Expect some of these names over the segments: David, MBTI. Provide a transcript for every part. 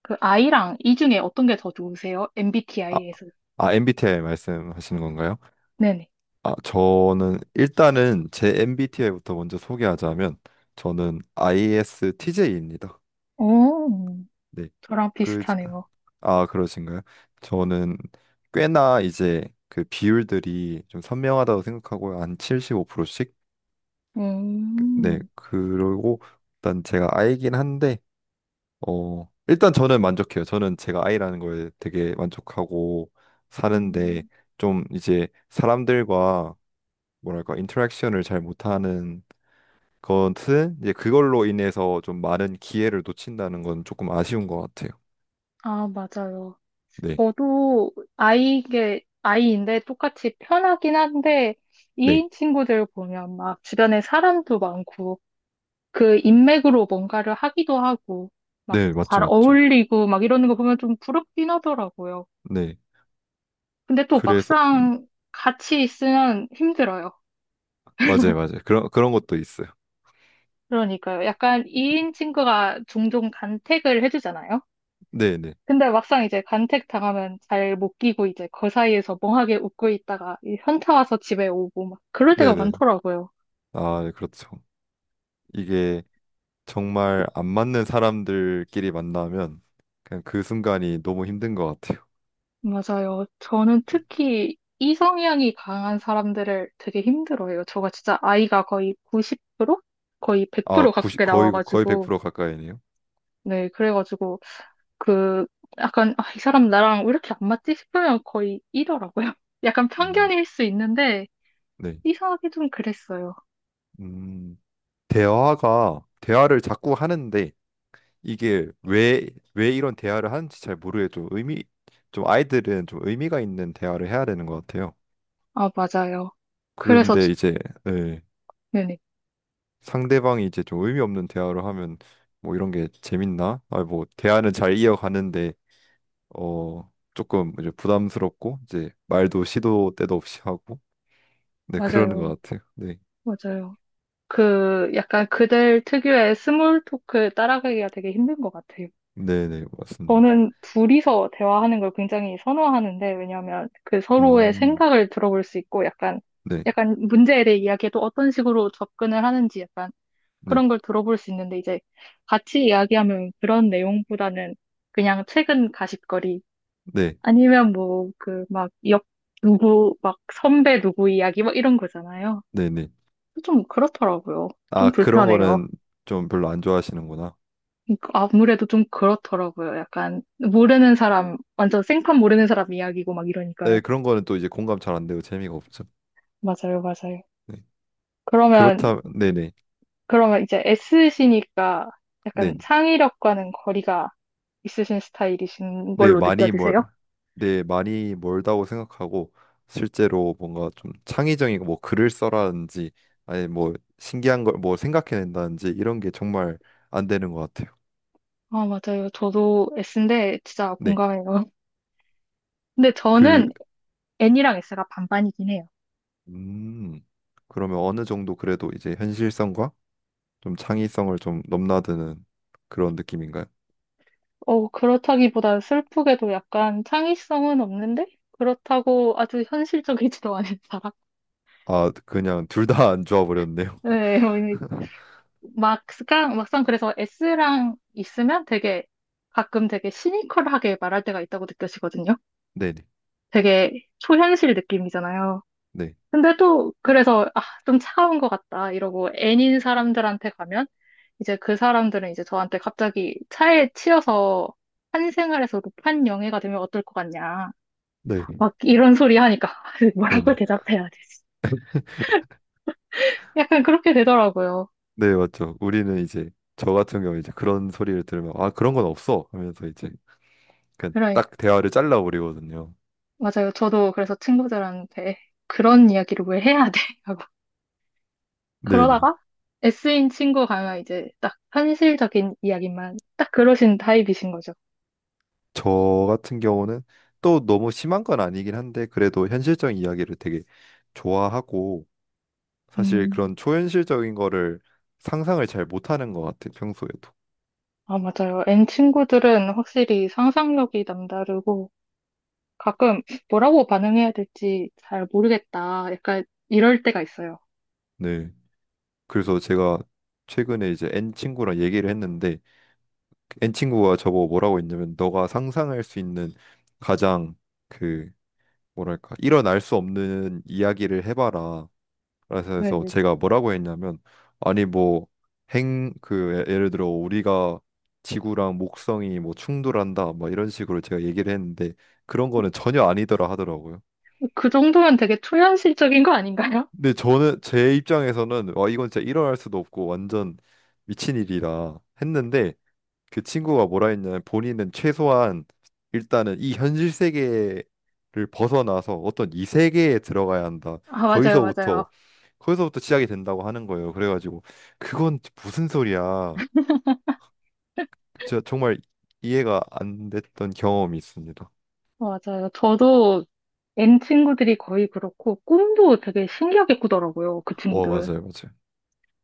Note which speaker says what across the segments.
Speaker 1: 그이랑 이 중에 어떤 게 더 좋으세요?
Speaker 2: 아,
Speaker 1: MBTI에서.
Speaker 2: MBTI 말씀하시는 건가요?
Speaker 1: 네네.
Speaker 2: 아, 저는 일단은 제 MBTI부터 먼저 소개하자면 저는 ISTJ입니다.
Speaker 1: 오,
Speaker 2: 네.
Speaker 1: 저랑
Speaker 2: 그,
Speaker 1: 비슷하네요.
Speaker 2: 그러신가요? 저는 꽤나 이제 그 비율들이 좀 선명하다고 생각하고요. 한 75%씩? 네.
Speaker 1: 음,
Speaker 2: 그리고 일단 제가 I긴 한데, 일단 저는 만족해요. 저는 제가 I라는 거에 되게 만족하고 사는데
Speaker 1: 음,
Speaker 2: 좀 이제 사람들과 뭐랄까 인터랙션을 잘 못하는 것은 이제 그걸로 인해서 좀 많은 기회를 놓친다는 건 조금 아쉬운 것 같아요.
Speaker 1: 아, 맞아요.
Speaker 2: 네,
Speaker 1: 저도 아이인데 똑같이 편하긴 한데,
Speaker 2: 네,
Speaker 1: 이인 친구들 보면 막 주변에 사람도 많고, 그 인맥으로 뭔가를 하기도 하고, 막
Speaker 2: 네, 맞죠,
Speaker 1: 잘
Speaker 2: 맞죠.
Speaker 1: 어울리고 막 이러는 거 보면 좀 부럽긴 하더라고요.
Speaker 2: 네,
Speaker 1: 근데 또
Speaker 2: 그래서
Speaker 1: 막상 같이 있으면 힘들어요.
Speaker 2: 맞아요, 맞아요. 그런 것도 있어요.
Speaker 1: 그러니까요. 약간 2인 친구가 종종 간택을 해주잖아요.
Speaker 2: 네, 네,
Speaker 1: 근데 막상 이제 간택 당하면 잘 못 끼고 이제 그 사이에서 멍하게 웃고 있다가 이 현타 와서 집에 오고 막 그럴 때가
Speaker 2: 네, 네.
Speaker 1: 많더라고요.
Speaker 2: 아, 네, 그렇죠. 이게 정말 안 맞는 사람들끼리 만나면 그냥 그 순간이 너무 힘든 것 같아요.
Speaker 1: 맞아요. 저는 특히 이 성향이 강한 사람들을 되게 힘들어해요. 저가 진짜 아이가 거의 90%? 거의
Speaker 2: 아,
Speaker 1: 100%
Speaker 2: 90,
Speaker 1: 가깝게
Speaker 2: 거의
Speaker 1: 나와가지고.
Speaker 2: 100% 가까이네요.
Speaker 1: 네, 그래가지고 그 약간 아, 이 사람 나랑 왜 이렇게 안 맞지 싶으면 거의 이러라고요. 약간
Speaker 2: 음,
Speaker 1: 편견일 수 있는데
Speaker 2: 네,
Speaker 1: 이상하게 좀 그랬어요.
Speaker 2: 음, 대화가 대화를 자꾸 하는데 이게 왜 이런 대화를 하는지 잘 모르겠죠. 의미, 좀 아이들은 좀 의미가 있는 대화를 해야 되는 것 같아요.
Speaker 1: 아, 맞아요. 그래서, 저-
Speaker 2: 그런데 이제 예,
Speaker 1: 네네.
Speaker 2: 상대방이 이제 좀 의미 없는 대화를 하면 뭐 이런 게 재밌나? 아, 뭐 대화는 잘 이어가는데 어 조금 이제 부담스럽고 이제 말도 시도 때도 없이 하고 네 그러는 것
Speaker 1: 맞아요.
Speaker 2: 같아요. 네,
Speaker 1: 맞아요. 그, 약간 그들 특유의 스몰 토크 따라가기가 되게 힘든 것 같아요.
Speaker 2: 네, 네 맞습니다.
Speaker 1: 저는 둘이서 대화하는 걸 굉장히 선호하는데, 왜냐하면 그 서로의
Speaker 2: 음,
Speaker 1: 생각을 들어볼 수 있고, 약간,
Speaker 2: 네,
Speaker 1: 약간 문제에 대해 이야기해도 어떤 식으로 접근을 하는지 약간
Speaker 2: 네,
Speaker 1: 그런 걸 들어볼 수 있는데, 이제 같이 이야기하면 그런 내용보다는 그냥 최근 가십거리,
Speaker 2: 네,
Speaker 1: 아니면 뭐, 그, 막, 역, 누구, 막, 선배 누구 이야기, 막 이런 거잖아요.
Speaker 2: 네, 네.
Speaker 1: 좀 그렇더라고요. 좀
Speaker 2: 아 그런
Speaker 1: 불편해요.
Speaker 2: 거는 좀 별로 안 좋아하시는구나.
Speaker 1: 그러니까 아무래도 좀 그렇더라고요. 약간, 모르는 사람, 완전 생판 모르는 사람 이야기고 막 이러니까요.
Speaker 2: 네, 그런 거는 또 이제 공감 잘 안 되고 재미가 없죠.
Speaker 1: 맞아요, 맞아요.
Speaker 2: 네.
Speaker 1: 그러면,
Speaker 2: 그렇다면 네네
Speaker 1: 그러면 이제 S시니까 약간
Speaker 2: 네네
Speaker 1: 창의력과는 거리가 있으신 스타일이신
Speaker 2: 네
Speaker 1: 걸로
Speaker 2: 많이 멀
Speaker 1: 느껴지세요?
Speaker 2: 네, 많이 멀다고 생각하고 실제로 뭔가 좀 창의적인 뭐 글을 써라든지 아니 뭐 신기한 걸 뭐 생각해낸다든지 이런 게 정말 안 되는 것 같아요.
Speaker 1: 아, 맞아요. 저도 S인데 진짜
Speaker 2: 네,
Speaker 1: 공감해요. 근데
Speaker 2: 그
Speaker 1: 저는 N이랑 S가 반반이긴 해요.
Speaker 2: 음, 그러면 어느 정도 그래도 이제 현실성과 좀 창의성을 좀 넘나드는 그런 느낌인가요?
Speaker 1: 그렇다기보다 슬프게도 약간 창의성은 없는데? 그렇다고 아주 현실적이지도 않은 사람?
Speaker 2: 아, 그냥 둘 다 안 좋아 버렸네요.
Speaker 1: 네, 막상, 막상 그래서 S랑 있으면 되게 가끔 되게 시니컬하게 말할 때가 있다고 느껴지거든요.
Speaker 2: 네네
Speaker 1: 되게 초현실 느낌이잖아요.
Speaker 2: 네
Speaker 1: 근데 또 그래서 아, 좀 차가운 것 같다 이러고 N인 사람들한테 가면 이제 그 사람들은 이제 저한테 갑자기 차에 치여서 한생활에서 높은 영예가 되면 어떨 것 같냐.
Speaker 2: 네
Speaker 1: 막 이런 소리 하니까 뭐라고
Speaker 2: 네네
Speaker 1: 대답해야 되지? 약간 그렇게 되더라고요.
Speaker 2: 네, 맞죠. 우리는 이제 저 같은 경우 이제 그런 소리를 들으면 아, 그런 건 없어 하면서 이제 그냥
Speaker 1: 그러니까
Speaker 2: 딱 대화를 잘라버리거든요.
Speaker 1: 맞아요. 저도 그래서 친구들한테 그런 이야기를 왜 해야 돼? 하고
Speaker 2: 네네.
Speaker 1: 그러다가 S인 친구 가면 이제 딱 현실적인 이야기만 딱 그러신 타입이신 거죠.
Speaker 2: 저 같은 경우는 또 너무 심한 건 아니긴 한데 그래도 현실적인 이야기를 되게 좋아하고 사실 그런
Speaker 1: 음,
Speaker 2: 초현실적인 거를 상상을 잘 못하는 것 같아요, 평소에도.
Speaker 1: 아 맞아요. N 친구들은 확실히 상상력이 남다르고 가끔 뭐라고 반응해야 될지 잘 모르겠다. 약간 이럴 때가 있어요.
Speaker 2: 네. 그래서 제가 최근에 이제 N 친구랑 얘기를 했는데 그 N 친구가 저보고 뭐라고 했냐면 너가 상상할 수 있는 가장 그 뭐랄까 일어날 수 없는 이야기를 해봐라. 그래서
Speaker 1: 네,
Speaker 2: 해서
Speaker 1: 네.
Speaker 2: 제가 뭐라고 했냐면 아니 뭐 행그 예, 예를 들어 우리가 지구랑 목성이 뭐 충돌한다 막 이런 식으로 제가 얘기를 했는데 그런 거는 전혀 아니더라 하더라고요.
Speaker 1: 그 정도면 되게 초현실적인 거 아닌가요?
Speaker 2: 근데 저는 제 입장에서는 와 이건 진짜 일어날 수도 없고 완전 미친 일이라 했는데 그 친구가 뭐라 했냐면 본인은 최소한 일단은 이 현실 세계를 벗어나서 어떤 이 세계에 들어가야 한다.
Speaker 1: 아, 맞아요,
Speaker 2: 거기서부터
Speaker 1: 맞아요.
Speaker 2: 거기서부터 시작이 된다고 하는 거예요. 그래가지고 그건 무슨 소리야? 제가 정말 이해가 안 됐던 경험이 있습니다.
Speaker 1: 맞아요. 저도 N 친구들이 거의 그렇고, 꿈도 되게 신기하게 꾸더라고요, 그
Speaker 2: 어,
Speaker 1: 친구들은.
Speaker 2: 맞아요, 맞아요.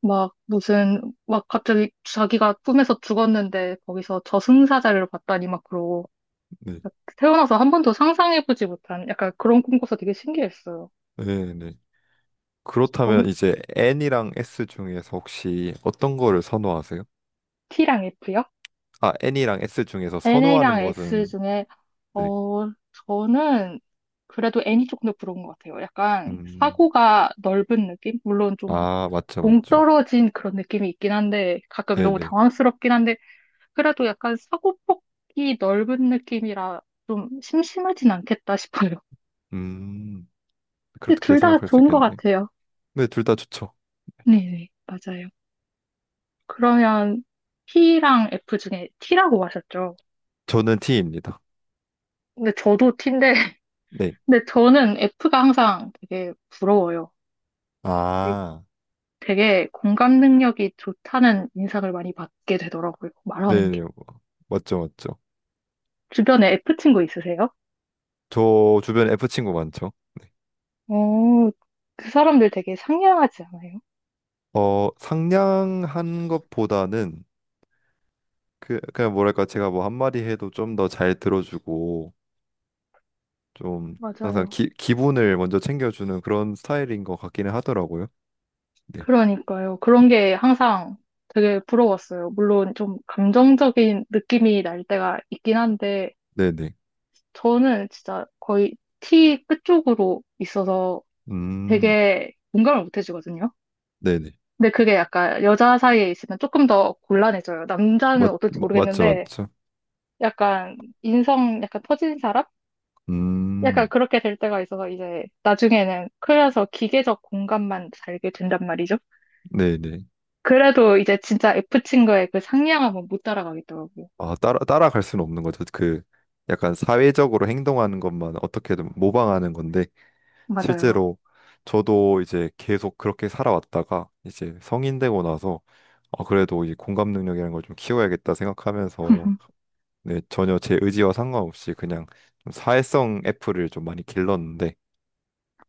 Speaker 1: 막, 무슨, 막 갑자기 자기가 꿈에서 죽었는데, 거기서 저승사자를 봤다니 막 그러고,
Speaker 2: 네,
Speaker 1: 태어나서 한 번도 상상해보지 못한 약간 그런 꿈 꿔서 되게 신기했어요.
Speaker 2: 네, 네. 그렇다면
Speaker 1: 전,
Speaker 2: 이제 N이랑 S 중에서 혹시 어떤 거를 선호하세요?
Speaker 1: T랑 F요?
Speaker 2: 아, N이랑 S 중에서
Speaker 1: n 이랑
Speaker 2: 선호하는
Speaker 1: S
Speaker 2: 것은
Speaker 1: 중에,
Speaker 2: 네,
Speaker 1: 어, 저는 그래도 N이 조금 더 부러운 것 같아요. 약간
Speaker 2: 음,
Speaker 1: 사고가 넓은 느낌? 물론 좀
Speaker 2: 아, 맞죠, 맞죠.
Speaker 1: 동떨어진 그런 느낌이 있긴 한데 가끔 너무
Speaker 2: 네네.
Speaker 1: 당황스럽긴 한데 그래도 약간 사고폭이 넓은 느낌이라 좀 심심하진 않겠다 싶어요.
Speaker 2: 음,
Speaker 1: 근데
Speaker 2: 그렇게
Speaker 1: 둘 다
Speaker 2: 생각할 수
Speaker 1: 좋은 것
Speaker 2: 있겠네.
Speaker 1: 같아요.
Speaker 2: 네, 둘 다 좋죠.
Speaker 1: 네네, 맞아요. 그러면 t 랑 F 중에 T라고 하셨죠?
Speaker 2: 저는 T입니다.
Speaker 1: 근데 저도 T인데
Speaker 2: 네.
Speaker 1: 근데 저는 F가 항상 되게 부러워요. 되게
Speaker 2: 아,
Speaker 1: 되게 공감 능력이 좋다는 인상을 많이 받게 되더라고요. 말하는 게.
Speaker 2: 네네. 맞죠, 맞죠.
Speaker 1: 주변에 F 친구 있으세요?
Speaker 2: 저 주변에 F 친구 많죠. 네.
Speaker 1: 어, 그 사람들 되게 상냥하지 않아요?
Speaker 2: 어, 상냥한 것보다는 그, 그냥 뭐랄까, 제가 뭐 한마디 해도 좀 더 잘 들어주고, 좀 항상
Speaker 1: 맞아요.
Speaker 2: 기, 기분을 먼저 챙겨주는 그런 스타일인 것 같기는 하더라고요. 네.
Speaker 1: 그러니까요. 그런 게 항상 되게 부러웠어요. 물론 좀 감정적인 느낌이 날 때가 있긴 한데,
Speaker 2: 네네.
Speaker 1: 저는 진짜 거의 T 끝쪽으로 있어서
Speaker 2: 음,
Speaker 1: 되게 공감을 못 해주거든요.
Speaker 2: 네네.
Speaker 1: 근데 그게 약간 여자 사이에 있으면 조금 더 곤란해져요. 남자는 어떨지
Speaker 2: 맞죠,
Speaker 1: 모르겠는데,
Speaker 2: 맞죠.
Speaker 1: 약간 인성 약간 터진 사람? 약간
Speaker 2: 음,
Speaker 1: 그렇게 될 때가 있어서 이제 나중에는 클려서 기계적 공간만 살게 된단 말이죠.
Speaker 2: 네네.
Speaker 1: 그래도 이제 진짜 F친구의 그 상냥함은 못 따라가겠더라고요.
Speaker 2: 아, 따라갈 수는 없는 거죠. 그 약간 사회적으로 행동하는 것만 어떻게든 모방하는 건데
Speaker 1: 맞아요.
Speaker 2: 실제로 저도 이제 계속 그렇게 살아왔다가 이제 성인 되고 나서 아, 그래도 이 공감 능력이라는 걸 좀 키워야겠다 생각하면서 네, 전혀 제 의지와 상관없이 그냥 좀 사회성 애플을 좀 많이 길렀는데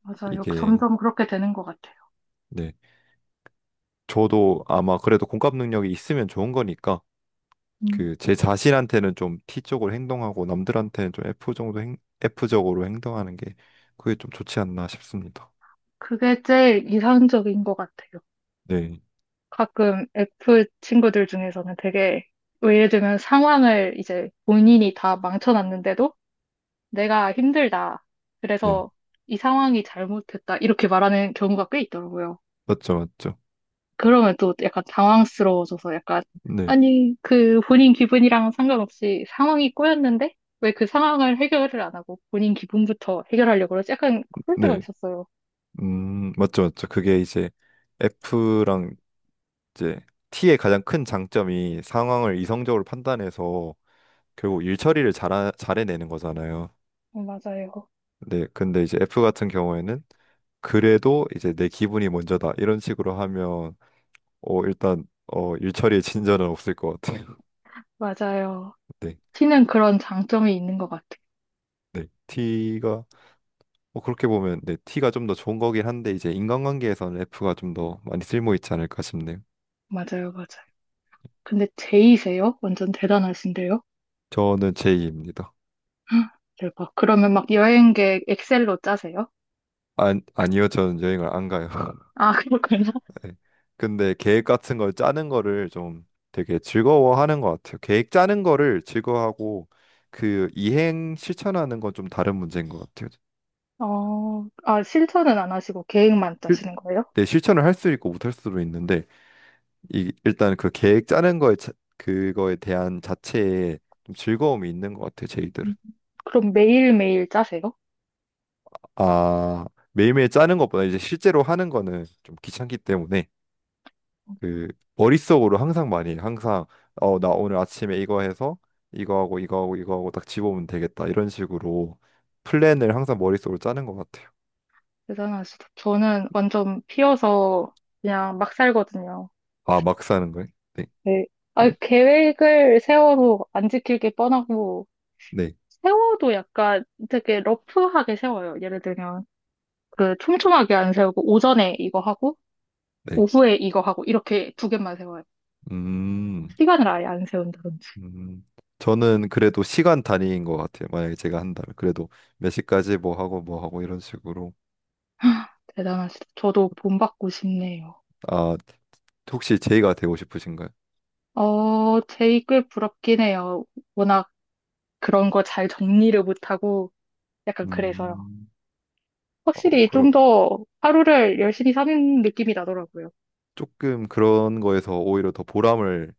Speaker 1: 맞아요.
Speaker 2: 이게
Speaker 1: 점점 그렇게 되는 것 같아요.
Speaker 2: 네, 저도 아마 그래도 공감 능력이 있으면 좋은 거니까
Speaker 1: 음,
Speaker 2: 그 제 자신한테는 좀 T쪽으로 행동하고 남들한테는 좀 F 정도 F적으로 행동하는 게 그게 좀 좋지 않나 싶습니다.
Speaker 1: 그게 제일 이상적인 것 같아요.
Speaker 2: 네,
Speaker 1: 가끔 F 친구들 중에서는 되게, 뭐 예를 들면 상황을 이제 본인이 다 망쳐놨는데도 내가 힘들다.
Speaker 2: 네.
Speaker 1: 그래서 이 상황이 잘못됐다. 이렇게 말하는 경우가 꽤 있더라고요.
Speaker 2: 맞죠, 맞죠.
Speaker 1: 그러면 또 약간 당황스러워져서 약간,
Speaker 2: 네,
Speaker 1: 아니, 그 본인 기분이랑 상관없이 상황이 꼬였는데, 왜 그 상황을 해결을 안 하고 본인 기분부터 해결하려고 그러지? 약간 그럴 때가
Speaker 2: 네.
Speaker 1: 있었어요.
Speaker 2: 맞죠, 맞죠. 그게 이제 F랑 이제 T의 가장 큰 장점이 상황을 이성적으로 판단해서 결국 일 처리를 잘해내는 거잖아요.
Speaker 1: 어, 맞아요.
Speaker 2: 네, 근데 이제 F 같은 경우에는 그래도 이제 내 기분이 먼저다 이런 식으로 하면 일처리에 친절은 없을 것 같아요.
Speaker 1: 맞아요.
Speaker 2: 네.
Speaker 1: 티는 그런 장점이 있는 것 같아요.
Speaker 2: 네. T가 어, 그렇게 보면 네, T가 좀 더 좋은 거긴 한데 이제 인간관계에서는 F가 좀 더 많이 쓸모 있지 않을까 싶네요.
Speaker 1: 맞아요, 맞아요. 근데 제이세요? 완전 대단하신데요?
Speaker 2: 저는 J입니다.
Speaker 1: 헉, 대박. 그러면 막 여행 계획 엑셀로 짜세요?
Speaker 2: 안, 아니요. 저는 여행을 안 가요.
Speaker 1: 아, 그렇구나.
Speaker 2: 네. 근데 계획 같은 걸 짜는 거를 좀 되게 즐거워하는 것 같아요. 계획 짜는 거를 즐거워하고 그 이행 실천하는 건 좀 다른 문제인 것 같아요.
Speaker 1: 실천은 안 하시고 계획만
Speaker 2: 실,
Speaker 1: 짜시는 거예요?
Speaker 2: 네, 실천을 할 수 있고 못할 수도 있는데 일단 그 계획 짜는 거에 자- 그거에 대한 자체에 좀 즐거움이 있는 것 같아요 제이들은
Speaker 1: 음. 그럼 매일매일 짜세요?
Speaker 2: 아 매일매일 짜는 것보다 이제 실제로 하는 거는 좀 귀찮기 때문에 그 머릿속으로 항상 많이 해요. 항상 어 나 오늘 아침에 이거 해서 이거 하고 이거 하고 이거 하고 딱 집어오면 되겠다 이런 식으로 플랜을 항상 머릿속으로 짜는 것 같아요
Speaker 1: 대단하시다. 저는 완전 피어서 그냥 막 살거든요.
Speaker 2: 아 막 사는 거예요? 네
Speaker 1: 네. 아, 계획을 세워도 안 지킬 게 뻔하고,
Speaker 2: 네,
Speaker 1: 세워도 약간 되게 러프하게 세워요. 예를 들면, 그 촘촘하게 안 세우고, 오전에 이거 하고,
Speaker 2: 네.
Speaker 1: 오후에 이거 하고, 이렇게 두 개만 세워요.
Speaker 2: 음
Speaker 1: 시간을 아예 안 세운다든지.
Speaker 2: 음, 저는 그래도 시간 단위인 것 같아요. 만약에 제가 한다면 그래도 몇 시까지 뭐 하고 뭐 하고 이런 식으로.
Speaker 1: 대단하시다. 저도 본받고 싶네요.
Speaker 2: 아, 혹시 제이가 되고 싶으신가요?
Speaker 1: 제이꽤 부럽긴 해요. 워낙 그런 거 잘 정리를 못하고, 약간 그래서요.
Speaker 2: 음, 어,
Speaker 1: 확실히
Speaker 2: 그러,
Speaker 1: 좀 더 하루를 열심히 사는 느낌이 나더라고요.
Speaker 2: 조금 그런 거에서 오히려 더 보람을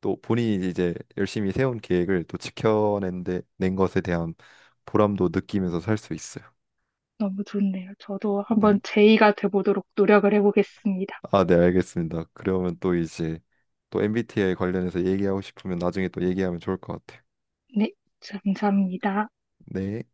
Speaker 2: 또 본인이 이제 열심히 세운 계획을 또 지켜낸 낸 것에 대한 보람도 느끼면서 살 수 있어요.
Speaker 1: 너무 좋네요. 저도 한번
Speaker 2: 네.
Speaker 1: 제의가 돼보도록 노력을 해보겠습니다.
Speaker 2: 아, 네, 알겠습니다. 그러면 또 이제 또 MBTI 관련해서 얘기하고 싶으면 나중에 또 얘기하면 좋을 것 같아요.
Speaker 1: 네, 감사합니다.
Speaker 2: 네.